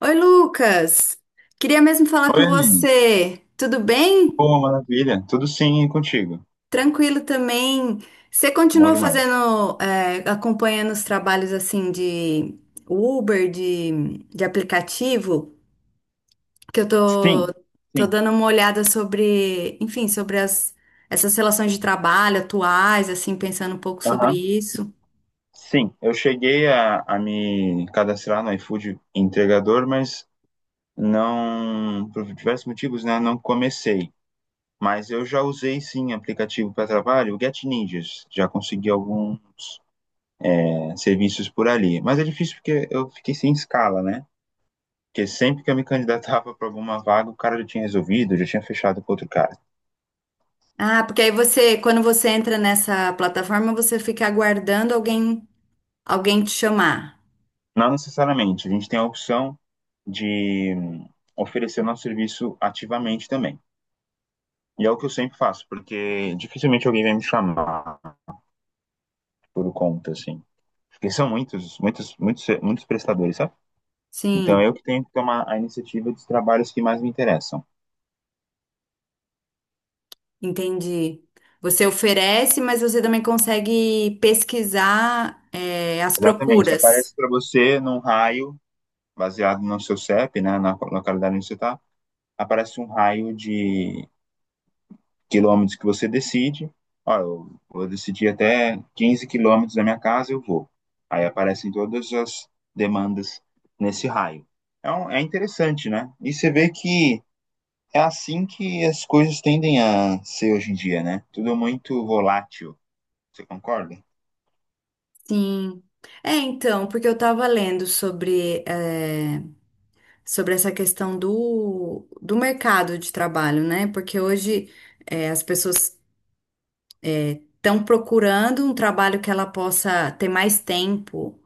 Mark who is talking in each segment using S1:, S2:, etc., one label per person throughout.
S1: Oi, Lucas! Queria mesmo falar com
S2: Oi, Aline.
S1: você. Tudo bem?
S2: Boa, maravilha. Tudo sim e contigo?
S1: Tranquilo também. Você
S2: Bom
S1: continua
S2: demais.
S1: fazendo, acompanhando os trabalhos assim de Uber, de aplicativo? Que eu tô,
S2: Sim,
S1: tô
S2: sim.
S1: dando uma olhada sobre, enfim, sobre as, essas relações de trabalho atuais, assim, pensando um pouco sobre
S2: Aham.
S1: isso.
S2: Sim, eu cheguei a me cadastrar no iFood entregador, mas não, por diversos motivos, né, não comecei. Mas eu já usei sim aplicativo para trabalho, o Get Ninjas. Já consegui alguns serviços por ali. Mas é difícil porque eu fiquei sem escala, né? Porque sempre que eu me candidatava para alguma vaga, o cara já tinha resolvido, já tinha fechado com outro cara.
S1: Ah, porque aí você, quando você entra nessa plataforma, você fica aguardando alguém, alguém te chamar.
S2: Não necessariamente, a gente tem a opção de oferecer nosso serviço ativamente também. E é o que eu sempre faço, porque dificilmente alguém vai me chamar por conta, assim. Porque são muitos, muitos, muitos, muitos prestadores, sabe? Então
S1: Sim.
S2: eu que tenho que tomar a iniciativa dos trabalhos que mais me interessam.
S1: Entendi. Você oferece, mas você também consegue pesquisar, é, as
S2: Exatamente,
S1: procuras.
S2: aparece para você num raio, baseado no seu CEP, né, na localidade onde você está, aparece um raio de quilômetros que você decide. Ó, eu vou decidir até 15 quilômetros da minha casa, eu vou. Aí aparecem todas as demandas nesse raio. É interessante, né? E você vê que é assim que as coisas tendem a ser hoje em dia, né? Tudo muito volátil. Você concorda?
S1: Sim. É, então, porque eu estava lendo sobre, sobre essa questão do, do mercado de trabalho, né? Porque hoje, é, as pessoas estão procurando um trabalho que ela possa ter mais tempo,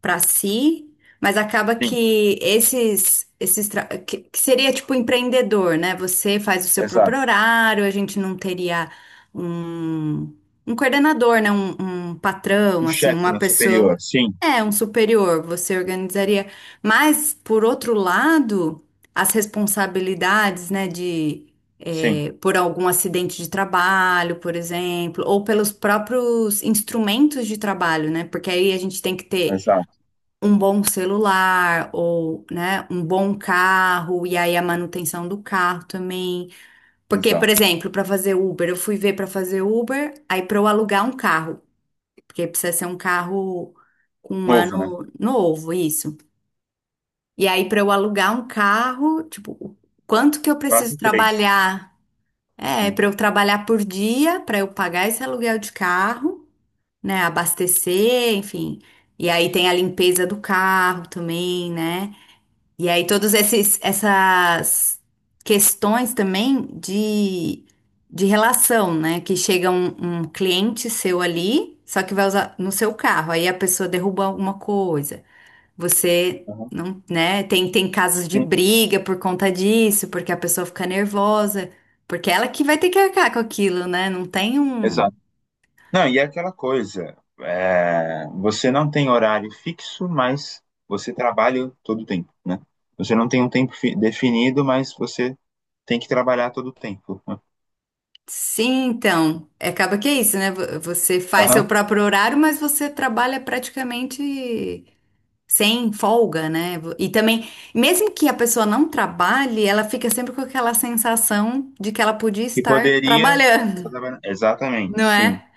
S1: para si, mas acaba
S2: Sim,
S1: que que seria tipo empreendedor, né? Você faz o seu próprio
S2: exato.
S1: horário, a gente não teria um, um coordenador, né? Um
S2: Um
S1: patrão, assim,
S2: chefe
S1: uma
S2: na
S1: pessoa.
S2: superior. Sim,
S1: É, um superior, você organizaria. Mas, por outro lado, as responsabilidades, né, de,
S2: sim,
S1: é, por algum acidente de trabalho, por exemplo, ou pelos próprios instrumentos de trabalho, né? Porque aí a gente tem que ter
S2: exato,
S1: um bom celular ou, né, um bom carro e aí a manutenção do carro também. Porque, por
S2: exato.
S1: exemplo, para fazer Uber, eu fui ver para fazer Uber, aí para eu alugar um carro, porque precisa ser um carro com um
S2: Novo, né?
S1: ano novo, isso. E aí para eu alugar um carro, tipo, o quanto que eu preciso
S2: Quase três.
S1: trabalhar? É,
S2: Sim.
S1: para eu trabalhar por dia, para eu pagar esse aluguel de carro, né, abastecer, enfim. E aí tem a limpeza do carro também, né? E aí essas questões também de relação, né? Que chega um, um cliente seu ali, só que vai usar no seu carro, aí a pessoa derruba alguma coisa. Você
S2: Uhum.
S1: não, né? Tem, tem casos de
S2: Sim,
S1: briga por conta disso, porque a pessoa fica nervosa, porque ela que vai ter que arcar com aquilo, né? Não tem um.
S2: exato. Não, e é aquela coisa, você não tem horário fixo, mas você trabalha todo o tempo, né? Você não tem um tempo definido, mas você tem que trabalhar todo o tempo. né?
S1: Sim, então, é, acaba que é isso, né? Você faz seu
S2: Aham.
S1: próprio horário, mas você trabalha praticamente sem folga, né? E também, mesmo que a pessoa não trabalhe, ela fica sempre com aquela sensação de que ela podia
S2: E
S1: estar
S2: poderia. Tá
S1: trabalhando,
S2: trabalhando. Exatamente,
S1: não
S2: sim.
S1: é?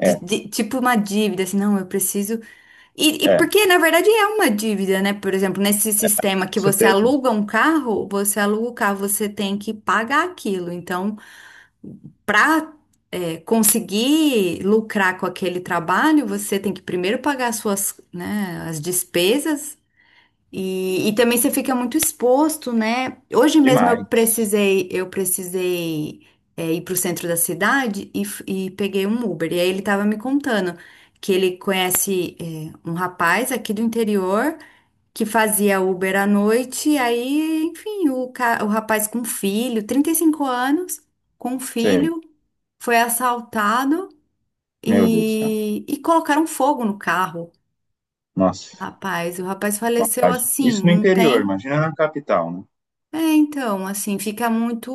S1: Tipo uma dívida, assim, não, eu preciso. E
S2: é,
S1: porque, na verdade, é uma dívida, né? Por exemplo, nesse sistema que
S2: com
S1: você
S2: certeza.
S1: aluga um carro, você aluga o carro, você tem que pagar aquilo. Então, para conseguir lucrar com aquele trabalho, você tem que primeiro pagar as suas, né, as despesas. E também você fica muito exposto, né? Hoje mesmo
S2: Demais.
S1: eu precisei ir para o centro da cidade e peguei um Uber. E aí ele estava me contando que ele conhece é, um rapaz aqui do interior que fazia Uber à noite. E aí, enfim, o rapaz com filho, 35 anos, com
S2: Sei.
S1: filho, foi assaltado
S2: Meu Deus do céu.
S1: e colocaram fogo no carro.
S2: Nossa,
S1: Rapaz, o rapaz faleceu
S2: maldade.
S1: assim,
S2: Isso no
S1: não
S2: interior,
S1: tem.
S2: imagina na capital, né?
S1: É, então, assim, fica muito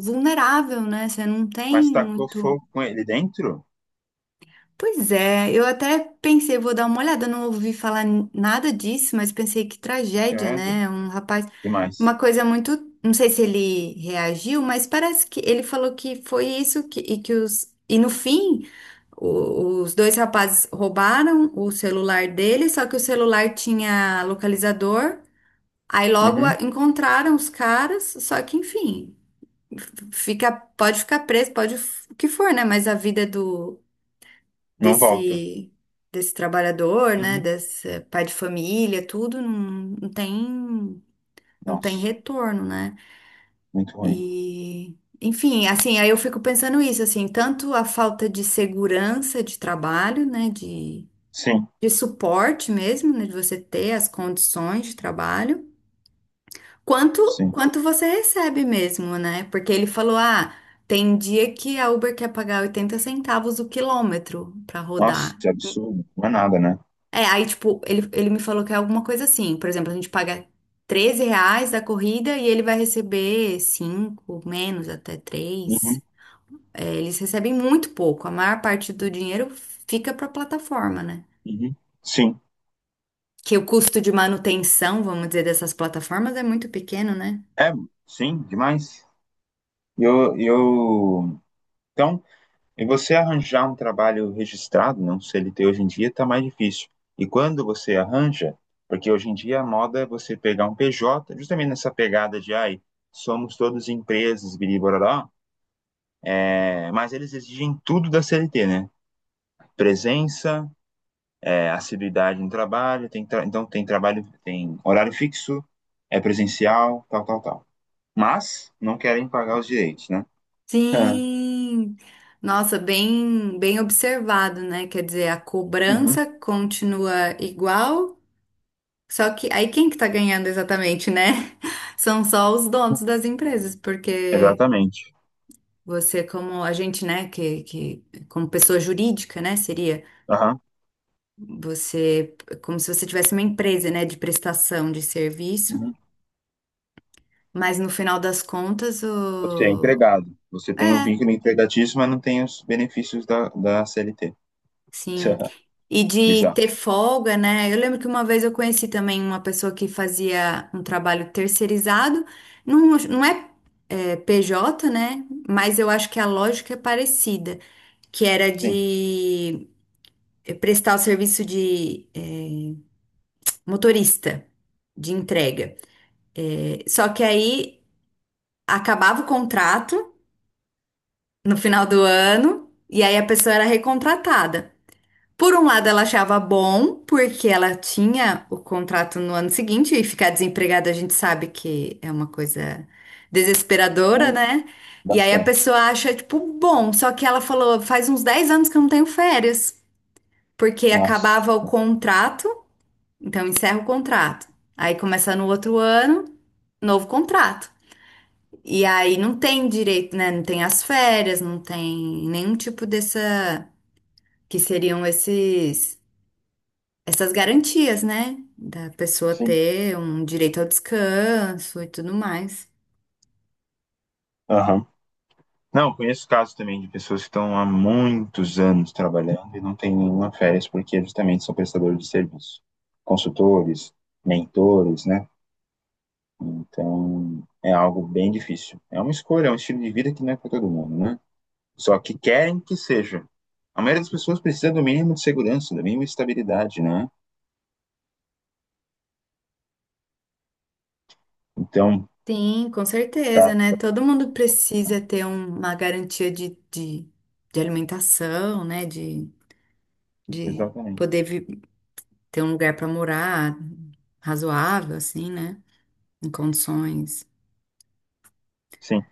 S1: vulnerável, né? Você não tem
S2: Mas tacou
S1: muito.
S2: fogo com ele dentro?
S1: Pois é, eu até pensei, vou dar uma olhada, não ouvi falar nada disso, mas pensei que tragédia,
S2: Credo.
S1: né? Um rapaz,
S2: Demais.
S1: uma coisa muito, não sei se ele reagiu, mas parece que ele falou que foi isso que, e que os e no fim os dois rapazes roubaram o celular dele, só que o celular tinha localizador. Aí logo
S2: Uhum.
S1: encontraram os caras, só que enfim, fica, pode ficar preso, pode o que for, né? Mas a vida do
S2: Não volta.
S1: desse desse trabalhador, né?
S2: Uhum.
S1: Desse pai de família, tudo não, não tem não tem
S2: Nossa.
S1: retorno, né?
S2: Muito ruim.
S1: E enfim, assim, aí eu fico pensando isso, assim, tanto a falta de segurança de trabalho, né?
S2: Sim,
S1: De suporte mesmo, né? De você ter as condições de trabalho. Quanto,
S2: sim.
S1: quanto você recebe mesmo, né? Porque ele falou, ah, tem dia que a Uber quer pagar 80 centavos o quilômetro pra
S2: Nossa,
S1: rodar.
S2: que absurdo. Não é nada, né?
S1: É, aí, tipo, ele me falou que é alguma coisa assim. Por exemplo, a gente paga 13 reais da corrida e ele vai receber 5, menos, até
S2: Uhum,
S1: três. É, eles recebem muito pouco. A maior parte do dinheiro fica pra plataforma, né?
S2: uhum. Sim.
S1: Que o custo de manutenção, vamos dizer, dessas plataformas é muito pequeno, né?
S2: É, sim, demais. Eu... Então, e você arranjar um trabalho registrado, não CLT hoje em dia, tá mais difícil. E quando você arranja, porque hoje em dia a moda é você pegar um PJ, justamente nessa pegada de, ai, somos todos empresas, biribororó, mas eles exigem tudo da CLT, né? Presença, assiduidade no trabalho, então tem trabalho, tem horário fixo, é presencial, tal, tal, tal. Mas não querem pagar os direitos, né? Ah,
S1: Sim, nossa, bem observado, né? Quer dizer, a
S2: uhum.
S1: cobrança continua igual, só que aí quem que tá ganhando exatamente, né? São só os donos das empresas, porque
S2: Exatamente.
S1: você, como a gente, né, que como pessoa jurídica, né, seria
S2: Aham,
S1: você como se você tivesse uma empresa, né, de prestação de serviço,
S2: uhum.
S1: mas no final das contas,
S2: Você é
S1: o...
S2: empregado, você
S1: é,
S2: tem o vínculo empregatício, mas não tem os benefícios da CLT.
S1: sim. E de
S2: Bizarro.
S1: ter folga, né? Eu lembro que uma vez eu conheci também uma pessoa que fazia um trabalho terceirizado. Não, não é, é, PJ, né? Mas eu acho que a lógica é parecida, que era
S2: Sim,
S1: de eh, prestar o serviço de eh, motorista de entrega. Eh, só que aí acabava o contrato no final do ano e aí a pessoa era recontratada. Por um lado, ela achava bom, porque ela tinha o contrato no ano seguinte, e ficar desempregada a gente sabe que é uma coisa desesperadora,
S2: muito,
S1: né? E aí a
S2: bastante.
S1: pessoa acha, tipo, bom, só que ela falou, faz uns 10 anos que eu não tenho férias, porque
S2: Nossa,
S1: acabava o contrato, então encerra o contrato. Aí começa no outro ano, novo contrato. E aí não tem direito, né? Não tem as férias, não tem nenhum tipo dessa, que seriam esses essas garantias, né? Da pessoa
S2: sim.
S1: ter um direito ao descanso e tudo mais.
S2: Aham. Não, conheço casos também de pessoas que estão há muitos anos trabalhando e não têm nenhuma férias porque justamente são prestadores de serviço, consultores, mentores, né? Então é algo bem difícil. É uma escolha, é um estilo de vida que não é para todo mundo, né? Só que querem que seja. A maioria das pessoas precisa do mínimo de segurança, da mínima estabilidade, né? Então,
S1: Sim, com
S2: tá,
S1: certeza, né? Todo mundo precisa ter uma garantia de alimentação, né? De, de
S2: exatamente.
S1: poder vi- ter um lugar para morar razoável, assim, né? Em condições
S2: Sim.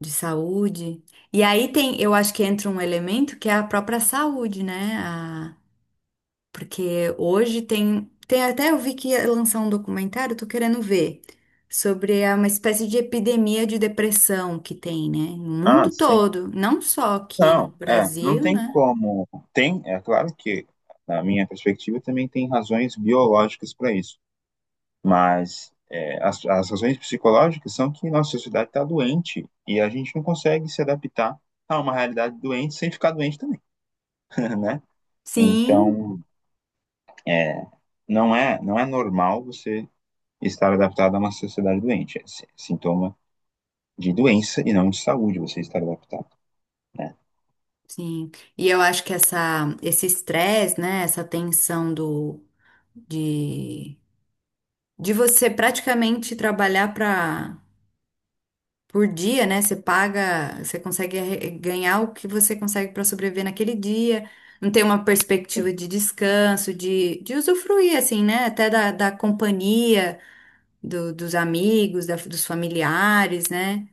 S1: de saúde. E aí tem, eu acho que entra um elemento que é a própria saúde, né? Porque hoje tem, tem até eu vi que ia lançar um documentário, tô querendo ver, sobre uma espécie de epidemia de depressão que tem, né? No
S2: Ah,
S1: mundo
S2: sim.
S1: todo, não só aqui no
S2: Não, não
S1: Brasil,
S2: tem
S1: né?
S2: como. Tem, é claro que, na minha perspectiva, também tem razões biológicas para isso, mas as razões psicológicas são que nossa sociedade está doente e a gente não consegue se adaptar a uma realidade doente sem ficar doente também, né?
S1: Sim,
S2: Então, não é normal você estar adaptado a uma sociedade doente. É sintoma de doença e não de saúde você estar adaptado, né?
S1: sim. E eu acho que essa, esse estresse, né? Essa tensão do, de, de você praticamente trabalhar para por dia, né? Você paga, você consegue ganhar o que você consegue para sobreviver naquele dia. Não tem uma
S2: Sim,
S1: perspectiva de descanso, de usufruir, assim, né? Até da, da companhia, dos amigos, dos familiares, né?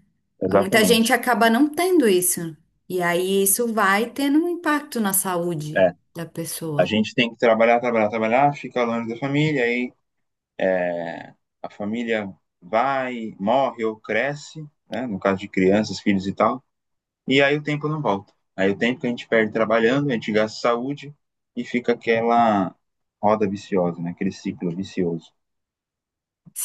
S1: Muita gente
S2: exatamente.
S1: acaba não tendo isso. E aí isso vai tendo um impacto na saúde
S2: É,
S1: da
S2: a
S1: pessoa.
S2: gente tem que trabalhar, trabalhar, trabalhar, fica longe da família, aí é, a família vai, morre ou cresce, né? No caso de crianças, filhos e tal, e aí o tempo não volta. Aí o tempo que a gente perde trabalhando, a gente gasta saúde e fica aquela roda viciosa, né? Aquele ciclo vicioso.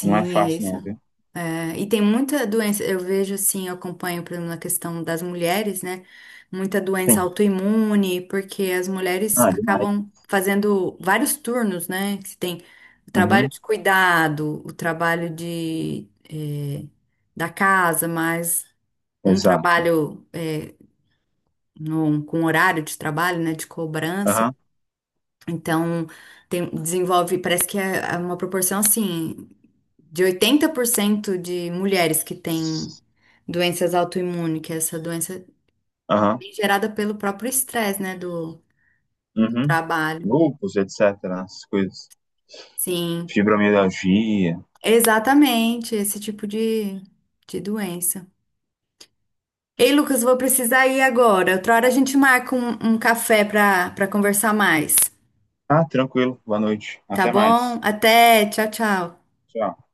S2: Não é
S1: é
S2: fácil
S1: isso.
S2: não, viu?
S1: É, e tem muita doença, eu vejo assim, eu acompanho, por exemplo, na questão das mulheres, né? Muita doença
S2: Sim.
S1: autoimune, porque as mulheres
S2: Ah, demais.
S1: acabam fazendo vários turnos, né? Que tem o trabalho
S2: Uhum.
S1: de cuidado, o trabalho de, eh, da casa, mas um
S2: Exato.
S1: trabalho, eh, com horário de trabalho, né? De cobrança.
S2: Aham.
S1: Então, desenvolve, parece que é uma proporção assim de 80% de mulheres que têm doenças autoimunes, que é essa doença
S2: Aham.
S1: é gerada pelo próprio estresse, né, do, do
S2: Uhum.
S1: trabalho.
S2: Lúpus, etc. As coisas.
S1: Sim,
S2: Fibromialgia.
S1: exatamente, esse tipo de doença. Ei, Lucas, vou precisar ir agora. Outra hora a gente marca um, um café para para conversar mais,
S2: Ah, tranquilo. Boa noite.
S1: tá
S2: Até mais.
S1: bom? Até, tchau, tchau.
S2: Tchau.